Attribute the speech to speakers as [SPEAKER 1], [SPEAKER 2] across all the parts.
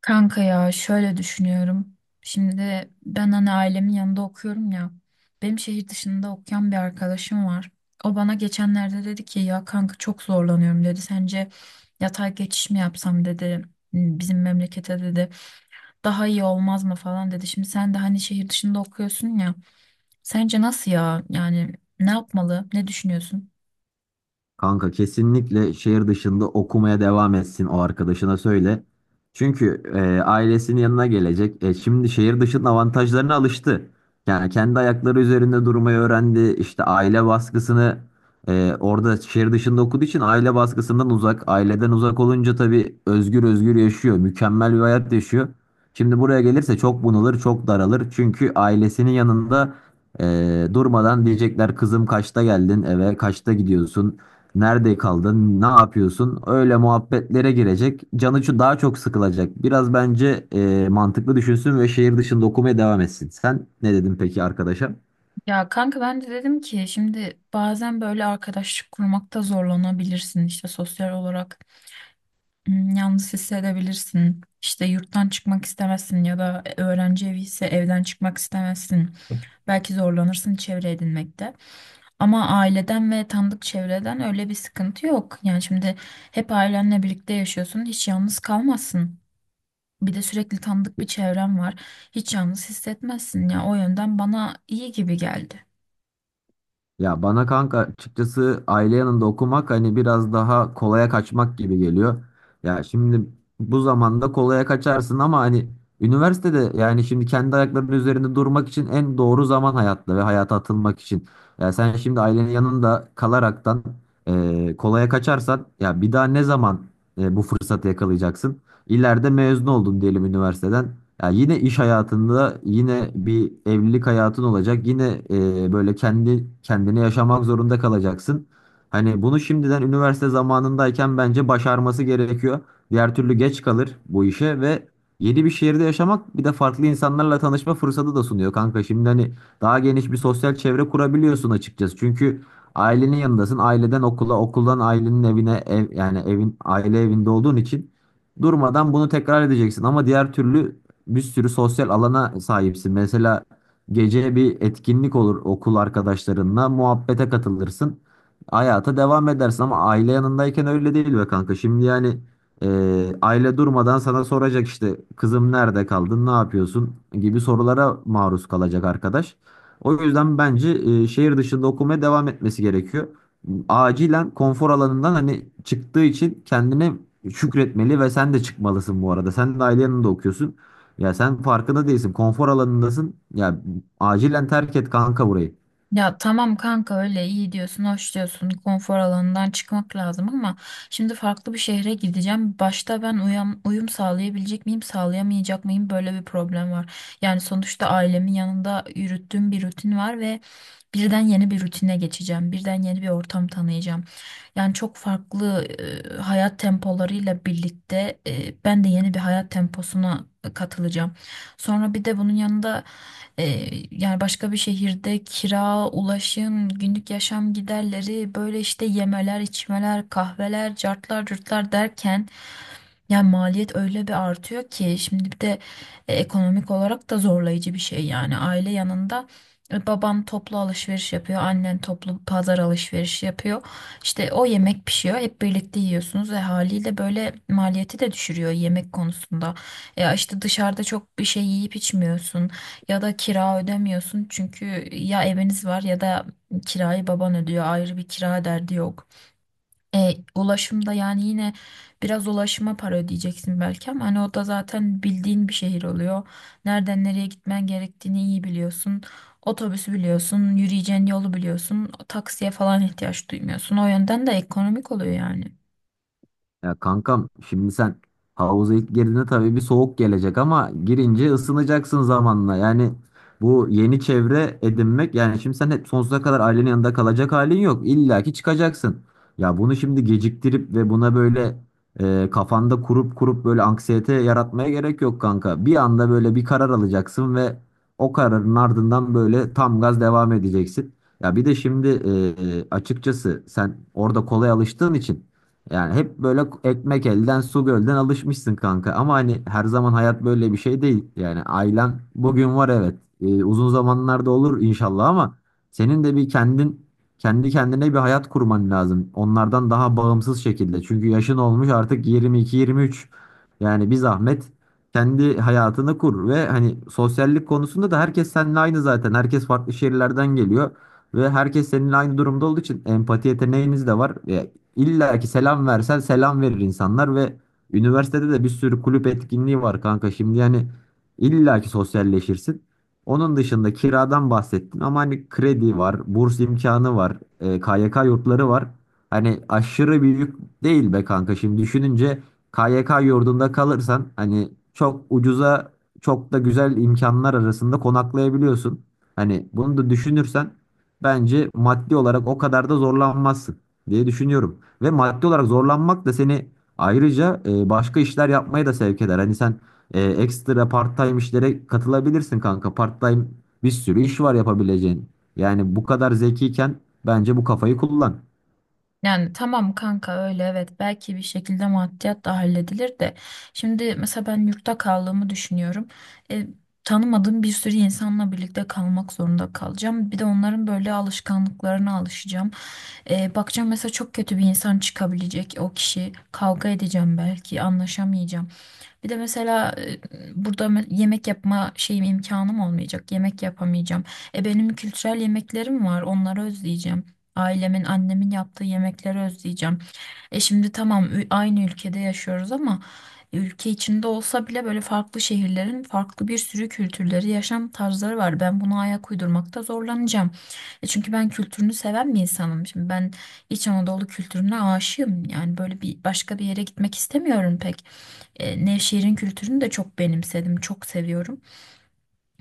[SPEAKER 1] Kanka ya şöyle düşünüyorum. Şimdi ben hani ailemin yanında okuyorum ya. Benim şehir dışında okuyan bir arkadaşım var. O bana geçenlerde dedi ki ya kanka çok zorlanıyorum dedi. Sence yatay geçiş mi yapsam dedi. "Hmm, bizim memlekete dedi. Daha iyi olmaz mı falan dedi. Şimdi sen de hani şehir dışında okuyorsun ya. Sence nasıl ya? Yani ne yapmalı? Ne düşünüyorsun?
[SPEAKER 2] Kanka kesinlikle şehir dışında okumaya devam etsin o arkadaşına söyle. Çünkü ailesinin yanına gelecek. Şimdi şehir dışının avantajlarına alıştı. Yani kendi ayakları üzerinde durmayı öğrendi. İşte aile baskısını orada şehir dışında okuduğu için aile baskısından uzak. Aileden uzak olunca tabii özgür özgür yaşıyor. Mükemmel bir hayat yaşıyor. Şimdi buraya gelirse çok bunalır, çok daralır. Çünkü ailesinin yanında durmadan diyecekler kızım kaçta geldin eve, kaçta gidiyorsun? Nerede kaldın? Ne yapıyorsun? Öyle muhabbetlere girecek. Canı şu daha çok sıkılacak. Biraz bence mantıklı düşünsün ve şehir dışında okumaya devam etsin. Sen ne dedin peki arkadaşa?
[SPEAKER 1] Ya kanka ben de dedim ki şimdi bazen böyle arkadaşlık kurmakta zorlanabilirsin işte sosyal olarak. Hmm, yalnız hissedebilirsin. İşte yurttan çıkmak istemezsin ya da öğrenci evi ise evden çıkmak istemezsin. Belki zorlanırsın çevre edinmekte. Ama aileden ve tanıdık çevreden öyle bir sıkıntı yok. Yani şimdi hep ailenle birlikte yaşıyorsun, hiç yalnız kalmazsın. Bir de sürekli tanıdık bir çevren var. Hiç yalnız hissetmezsin ya. O yönden bana iyi gibi geldi.
[SPEAKER 2] Ya bana kanka açıkçası aile yanında okumak hani biraz daha kolaya kaçmak gibi geliyor. Ya şimdi bu zamanda kolaya kaçarsın ama hani üniversitede yani şimdi kendi ayaklarının üzerinde durmak için en doğru zaman hayatta ve hayata atılmak için. Ya sen şimdi ailenin yanında kalaraktan kolaya kaçarsan ya bir daha ne zaman bu fırsatı yakalayacaksın? İleride mezun oldun diyelim üniversiteden. Ya yine iş hayatında, yine bir evlilik hayatın olacak. Yine böyle kendi kendini yaşamak zorunda kalacaksın. Hani bunu şimdiden üniversite zamanındayken bence başarması gerekiyor. Diğer türlü geç kalır bu işe ve yeni bir şehirde yaşamak bir de farklı insanlarla tanışma fırsatı da sunuyor kanka. Şimdi hani daha geniş bir sosyal çevre kurabiliyorsun açıkçası. Çünkü ailenin yanındasın. Aileden okula, okuldan ailenin evine, ev, yani evin aile evinde olduğun için durmadan bunu tekrar edeceksin. Ama diğer türlü bir sürü sosyal alana sahipsin. Mesela gece bir etkinlik olur okul arkadaşlarınla muhabbete katılırsın. Hayata devam edersin ama aile yanındayken öyle değil be kanka. Şimdi yani aile durmadan sana soracak işte kızım nerede kaldın, ne yapıyorsun gibi sorulara maruz kalacak arkadaş. O yüzden bence şehir dışında okumaya devam etmesi gerekiyor. Acilen konfor alanından hani çıktığı için kendine şükretmeli ve sen de çıkmalısın bu arada. Sen de ailenin de okuyorsun. Ya sen farkında değilsin. Konfor alanındasın. Ya acilen terk et kanka burayı.
[SPEAKER 1] Ya tamam kanka öyle iyi diyorsun, hoş diyorsun, konfor alanından çıkmak lazım ama şimdi farklı bir şehre gideceğim. Başta ben uyum sağlayabilecek miyim, sağlayamayacak mıyım böyle bir problem var. Yani sonuçta ailemin yanında yürüttüğüm bir rutin var ve birden yeni bir rutine geçeceğim. Birden yeni bir ortam tanıyacağım. Yani çok farklı hayat tempolarıyla birlikte ben de yeni bir hayat temposuna katılacağım. Sonra bir de bunun yanında yani başka bir şehirde kira, ulaşım, günlük yaşam giderleri, böyle işte yemeler, içmeler, kahveler, cartlar, curtlar derken yani maliyet öyle bir artıyor ki şimdi bir de ekonomik olarak da zorlayıcı bir şey yani aile yanında baban toplu alışveriş yapıyor, annen toplu pazar alışverişi yapıyor. İşte o yemek pişiyor, hep birlikte yiyorsunuz ve haliyle böyle maliyeti de düşürüyor yemek konusunda. Ya işte dışarıda çok bir şey yiyip içmiyorsun. Ya da kira ödemiyorsun çünkü ya eviniz var ya da kirayı baban ödüyor, ayrı bir kira derdi yok. Ulaşımda yani yine biraz ulaşıma para ödeyeceksin belki ama hani o da zaten bildiğin bir şehir oluyor. Nereden nereye gitmen gerektiğini iyi biliyorsun. Otobüsü biliyorsun, yürüyeceğin yolu biliyorsun, taksiye falan ihtiyaç duymuyorsun. O yönden de ekonomik oluyor yani.
[SPEAKER 2] Ya kankam şimdi sen havuza ilk girdiğinde tabii bir soğuk gelecek ama girince ısınacaksın zamanla. Yani bu yeni çevre edinmek yani şimdi sen hep sonsuza kadar ailenin yanında kalacak halin yok. İlla ki çıkacaksın. Ya bunu şimdi geciktirip ve buna böyle kafanda kurup kurup böyle anksiyete yaratmaya gerek yok kanka. Bir anda böyle bir karar alacaksın ve o kararın ardından böyle tam gaz devam edeceksin. Ya bir de şimdi açıkçası sen orada kolay alıştığın için yani hep böyle ekmek elden su gölden alışmışsın kanka. Ama hani her zaman hayat böyle bir şey değil. Yani ailen bugün var, evet. Uzun zamanlarda olur inşallah ama senin de bir kendin kendi kendine bir hayat kurman lazım. Onlardan daha bağımsız şekilde. Çünkü yaşın olmuş artık 22-23. Yani bir zahmet kendi hayatını kur ve hani sosyallik konusunda da herkes seninle aynı zaten. Herkes farklı şehirlerden geliyor. Ve herkes seninle aynı durumda olduğu için empati yeteneğiniz de var. İlla ki selam versen selam verir insanlar ve üniversitede de bir sürü kulüp etkinliği var kanka. Şimdi yani illa ki sosyalleşirsin. Onun dışında kiradan bahsettin ama hani kredi var, burs imkanı var, KYK yurtları var. Hani aşırı büyük değil be kanka. Şimdi düşününce KYK yurdunda kalırsan hani çok ucuza çok da güzel imkanlar arasında konaklayabiliyorsun. Hani bunu da düşünürsen bence maddi olarak o kadar da zorlanmazsın diye düşünüyorum. Ve maddi olarak zorlanmak da seni ayrıca başka işler yapmaya da sevk eder. Hani sen ekstra part-time işlere katılabilirsin kanka. Part-time bir sürü iş var yapabileceğin. Yani bu kadar zekiyken bence bu kafayı kullan.
[SPEAKER 1] Yani tamam kanka öyle evet, belki bir şekilde maddiyat da halledilir de şimdi mesela ben yurtta kaldığımı düşünüyorum. E, Tanımadığım bir sürü insanla birlikte kalmak zorunda kalacağım. Bir de onların böyle alışkanlıklarına alışacağım. Bakacağım mesela çok kötü bir insan çıkabilecek, o kişi kavga edeceğim belki anlaşamayacağım. Bir de mesela burada yemek yapma şeyim, imkanım olmayacak. Yemek yapamayacağım. E benim kültürel yemeklerim var. Onları özleyeceğim. Ailemin, annemin yaptığı yemekleri özleyeceğim. E şimdi tamam aynı ülkede yaşıyoruz ama ülke içinde olsa bile böyle farklı şehirlerin farklı bir sürü kültürleri, yaşam tarzları var. Ben buna ayak uydurmakta zorlanacağım. E çünkü ben kültürünü seven bir insanım. Şimdi ben İç Anadolu kültürüne aşığım. Yani böyle bir başka bir yere gitmek istemiyorum pek. Nevşehir'in kültürünü de çok benimsedim, çok seviyorum.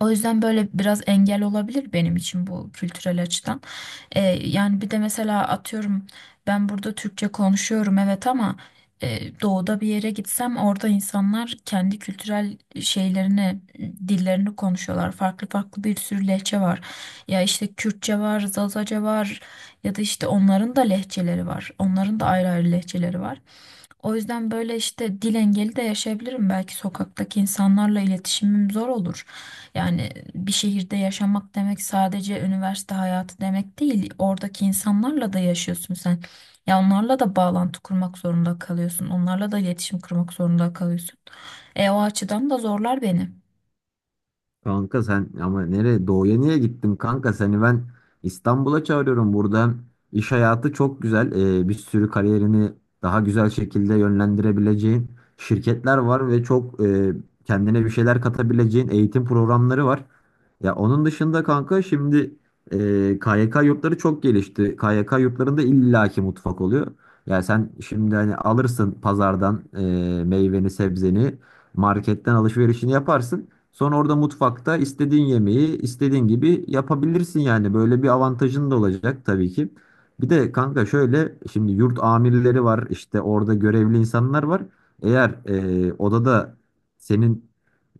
[SPEAKER 1] O yüzden böyle biraz engel olabilir benim için bu kültürel açıdan. Yani bir de mesela atıyorum ben burada Türkçe konuşuyorum evet ama doğuda bir yere gitsem orada insanlar kendi kültürel şeylerini, dillerini konuşuyorlar. Farklı farklı bir sürü lehçe var. Ya işte Kürtçe var, Zazaca var ya da işte onların da lehçeleri var. Onların da ayrı ayrı lehçeleri var. O yüzden böyle işte dil engeli de yaşayabilirim. Belki sokaktaki insanlarla iletişimim zor olur. Yani bir şehirde yaşamak demek sadece üniversite hayatı demek değil. Oradaki insanlarla da yaşıyorsun sen. Ya onlarla da bağlantı kurmak zorunda kalıyorsun. Onlarla da iletişim kurmak zorunda kalıyorsun. E o açıdan da zorlar beni.
[SPEAKER 2] Kanka sen ama nereye doğuya niye gittin kanka seni ben İstanbul'a çağırıyorum burada iş hayatı çok güzel. Bir sürü kariyerini daha güzel şekilde yönlendirebileceğin şirketler var ve çok kendine bir şeyler katabileceğin eğitim programları var. Ya onun dışında kanka şimdi e, KYK yurtları çok gelişti. KYK yurtlarında illaki mutfak oluyor. Ya sen şimdi hani alırsın pazardan meyveni sebzeni marketten alışverişini yaparsın. Sonra orada mutfakta istediğin yemeği istediğin gibi yapabilirsin yani. Böyle bir avantajın da olacak tabii ki. Bir de kanka şöyle şimdi yurt amirleri var işte orada görevli insanlar var. Eğer odada senin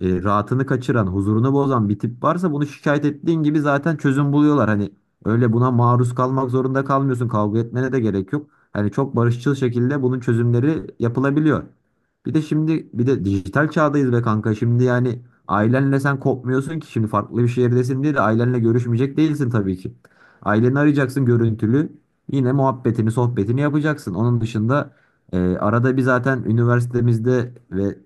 [SPEAKER 2] rahatını kaçıran, huzurunu bozan bir tip varsa bunu şikayet ettiğin gibi zaten çözüm buluyorlar. Hani öyle buna maruz kalmak zorunda kalmıyorsun. Kavga etmene de gerek yok. Hani çok barışçıl şekilde bunun çözümleri yapılabiliyor. Bir de şimdi bir de dijital çağdayız be kanka. Şimdi yani ailenle sen kopmuyorsun ki şimdi farklı bir şehirdesin diye de ailenle görüşmeyecek değilsin tabii ki. Aileni arayacaksın görüntülü. Yine muhabbetini, sohbetini yapacaksın. Onun dışında arada bir zaten üniversitemizde ve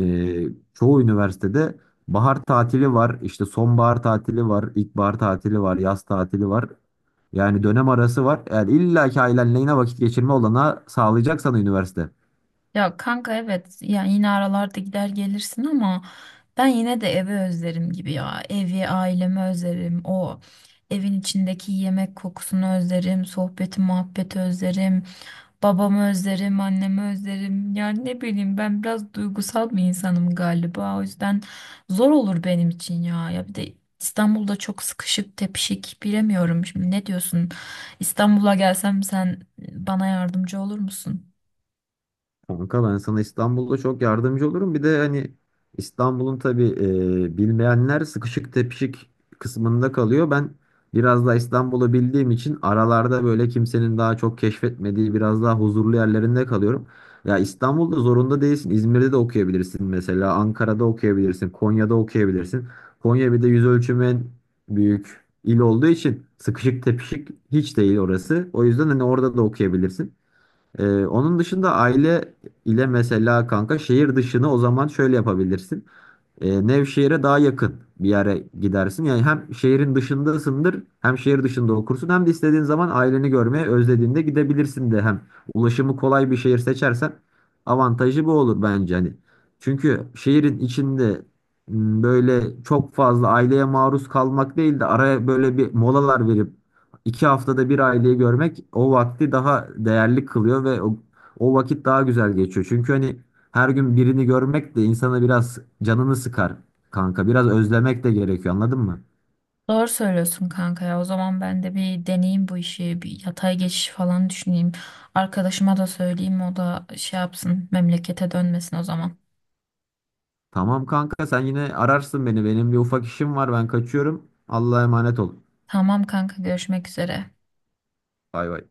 [SPEAKER 2] e, çoğu üniversitede bahar tatili var, işte sonbahar tatili var, ilkbahar tatili var, yaz tatili var. Yani dönem arası var. Yani illa ki ailenle yine vakit geçirme olanağı sağlayacak sana üniversite.
[SPEAKER 1] Ya kanka evet, yani yine aralarda gider gelirsin ama ben yine de evi özlerim gibi ya. Evi, ailemi özlerim. O evin içindeki yemek kokusunu özlerim. Sohbeti, muhabbeti özlerim. Babamı özlerim, annemi özlerim. Yani ne bileyim ben biraz duygusal bir insanım galiba. O yüzden zor olur benim için ya. Ya bir de İstanbul'da çok sıkışık, tepişik bilemiyorum. Şimdi ne diyorsun? İstanbul'a gelsem sen bana yardımcı olur musun?
[SPEAKER 2] Kanka ben sana İstanbul'da çok yardımcı olurum. Bir de hani İstanbul'un tabii bilmeyenler sıkışık tepişik kısmında kalıyor. Ben biraz daha İstanbul'u bildiğim için aralarda böyle kimsenin daha çok keşfetmediği biraz daha huzurlu yerlerinde kalıyorum. Ya İstanbul'da zorunda değilsin. İzmir'de de okuyabilirsin mesela. Ankara'da okuyabilirsin. Konya'da okuyabilirsin. Konya bir de yüz ölçümü en büyük il olduğu için sıkışık tepişik hiç değil orası. O yüzden hani orada da okuyabilirsin. Onun dışında aile ile mesela kanka şehir dışını o zaman şöyle yapabilirsin, Nevşehir'e daha yakın bir yere gidersin. Yani hem şehrin dışındasındır, hem şehir dışında okursun, hem de istediğin zaman aileni görmeye özlediğinde gidebilirsin de hem ulaşımı kolay bir şehir seçersen avantajı bu olur bence hani. Çünkü şehrin içinde böyle çok fazla aileye maruz kalmak değil de araya böyle bir molalar verip 2 haftada bir aileyi görmek o vakti daha değerli kılıyor ve o vakit daha güzel geçiyor. Çünkü hani her gün birini görmek de insana biraz canını sıkar kanka. Biraz özlemek de gerekiyor, anladın mı?
[SPEAKER 1] Doğru söylüyorsun kanka ya. O zaman ben de bir deneyeyim bu işi. Bir yatay geçiş falan düşüneyim. Arkadaşıma da söyleyeyim, o da şey yapsın, memlekete dönmesin o zaman.
[SPEAKER 2] Tamam kanka sen yine ararsın beni. Benim bir ufak işim var, ben kaçıyorum. Allah'a emanet ol.
[SPEAKER 1] Tamam kanka, görüşmek üzere.
[SPEAKER 2] Bay bay.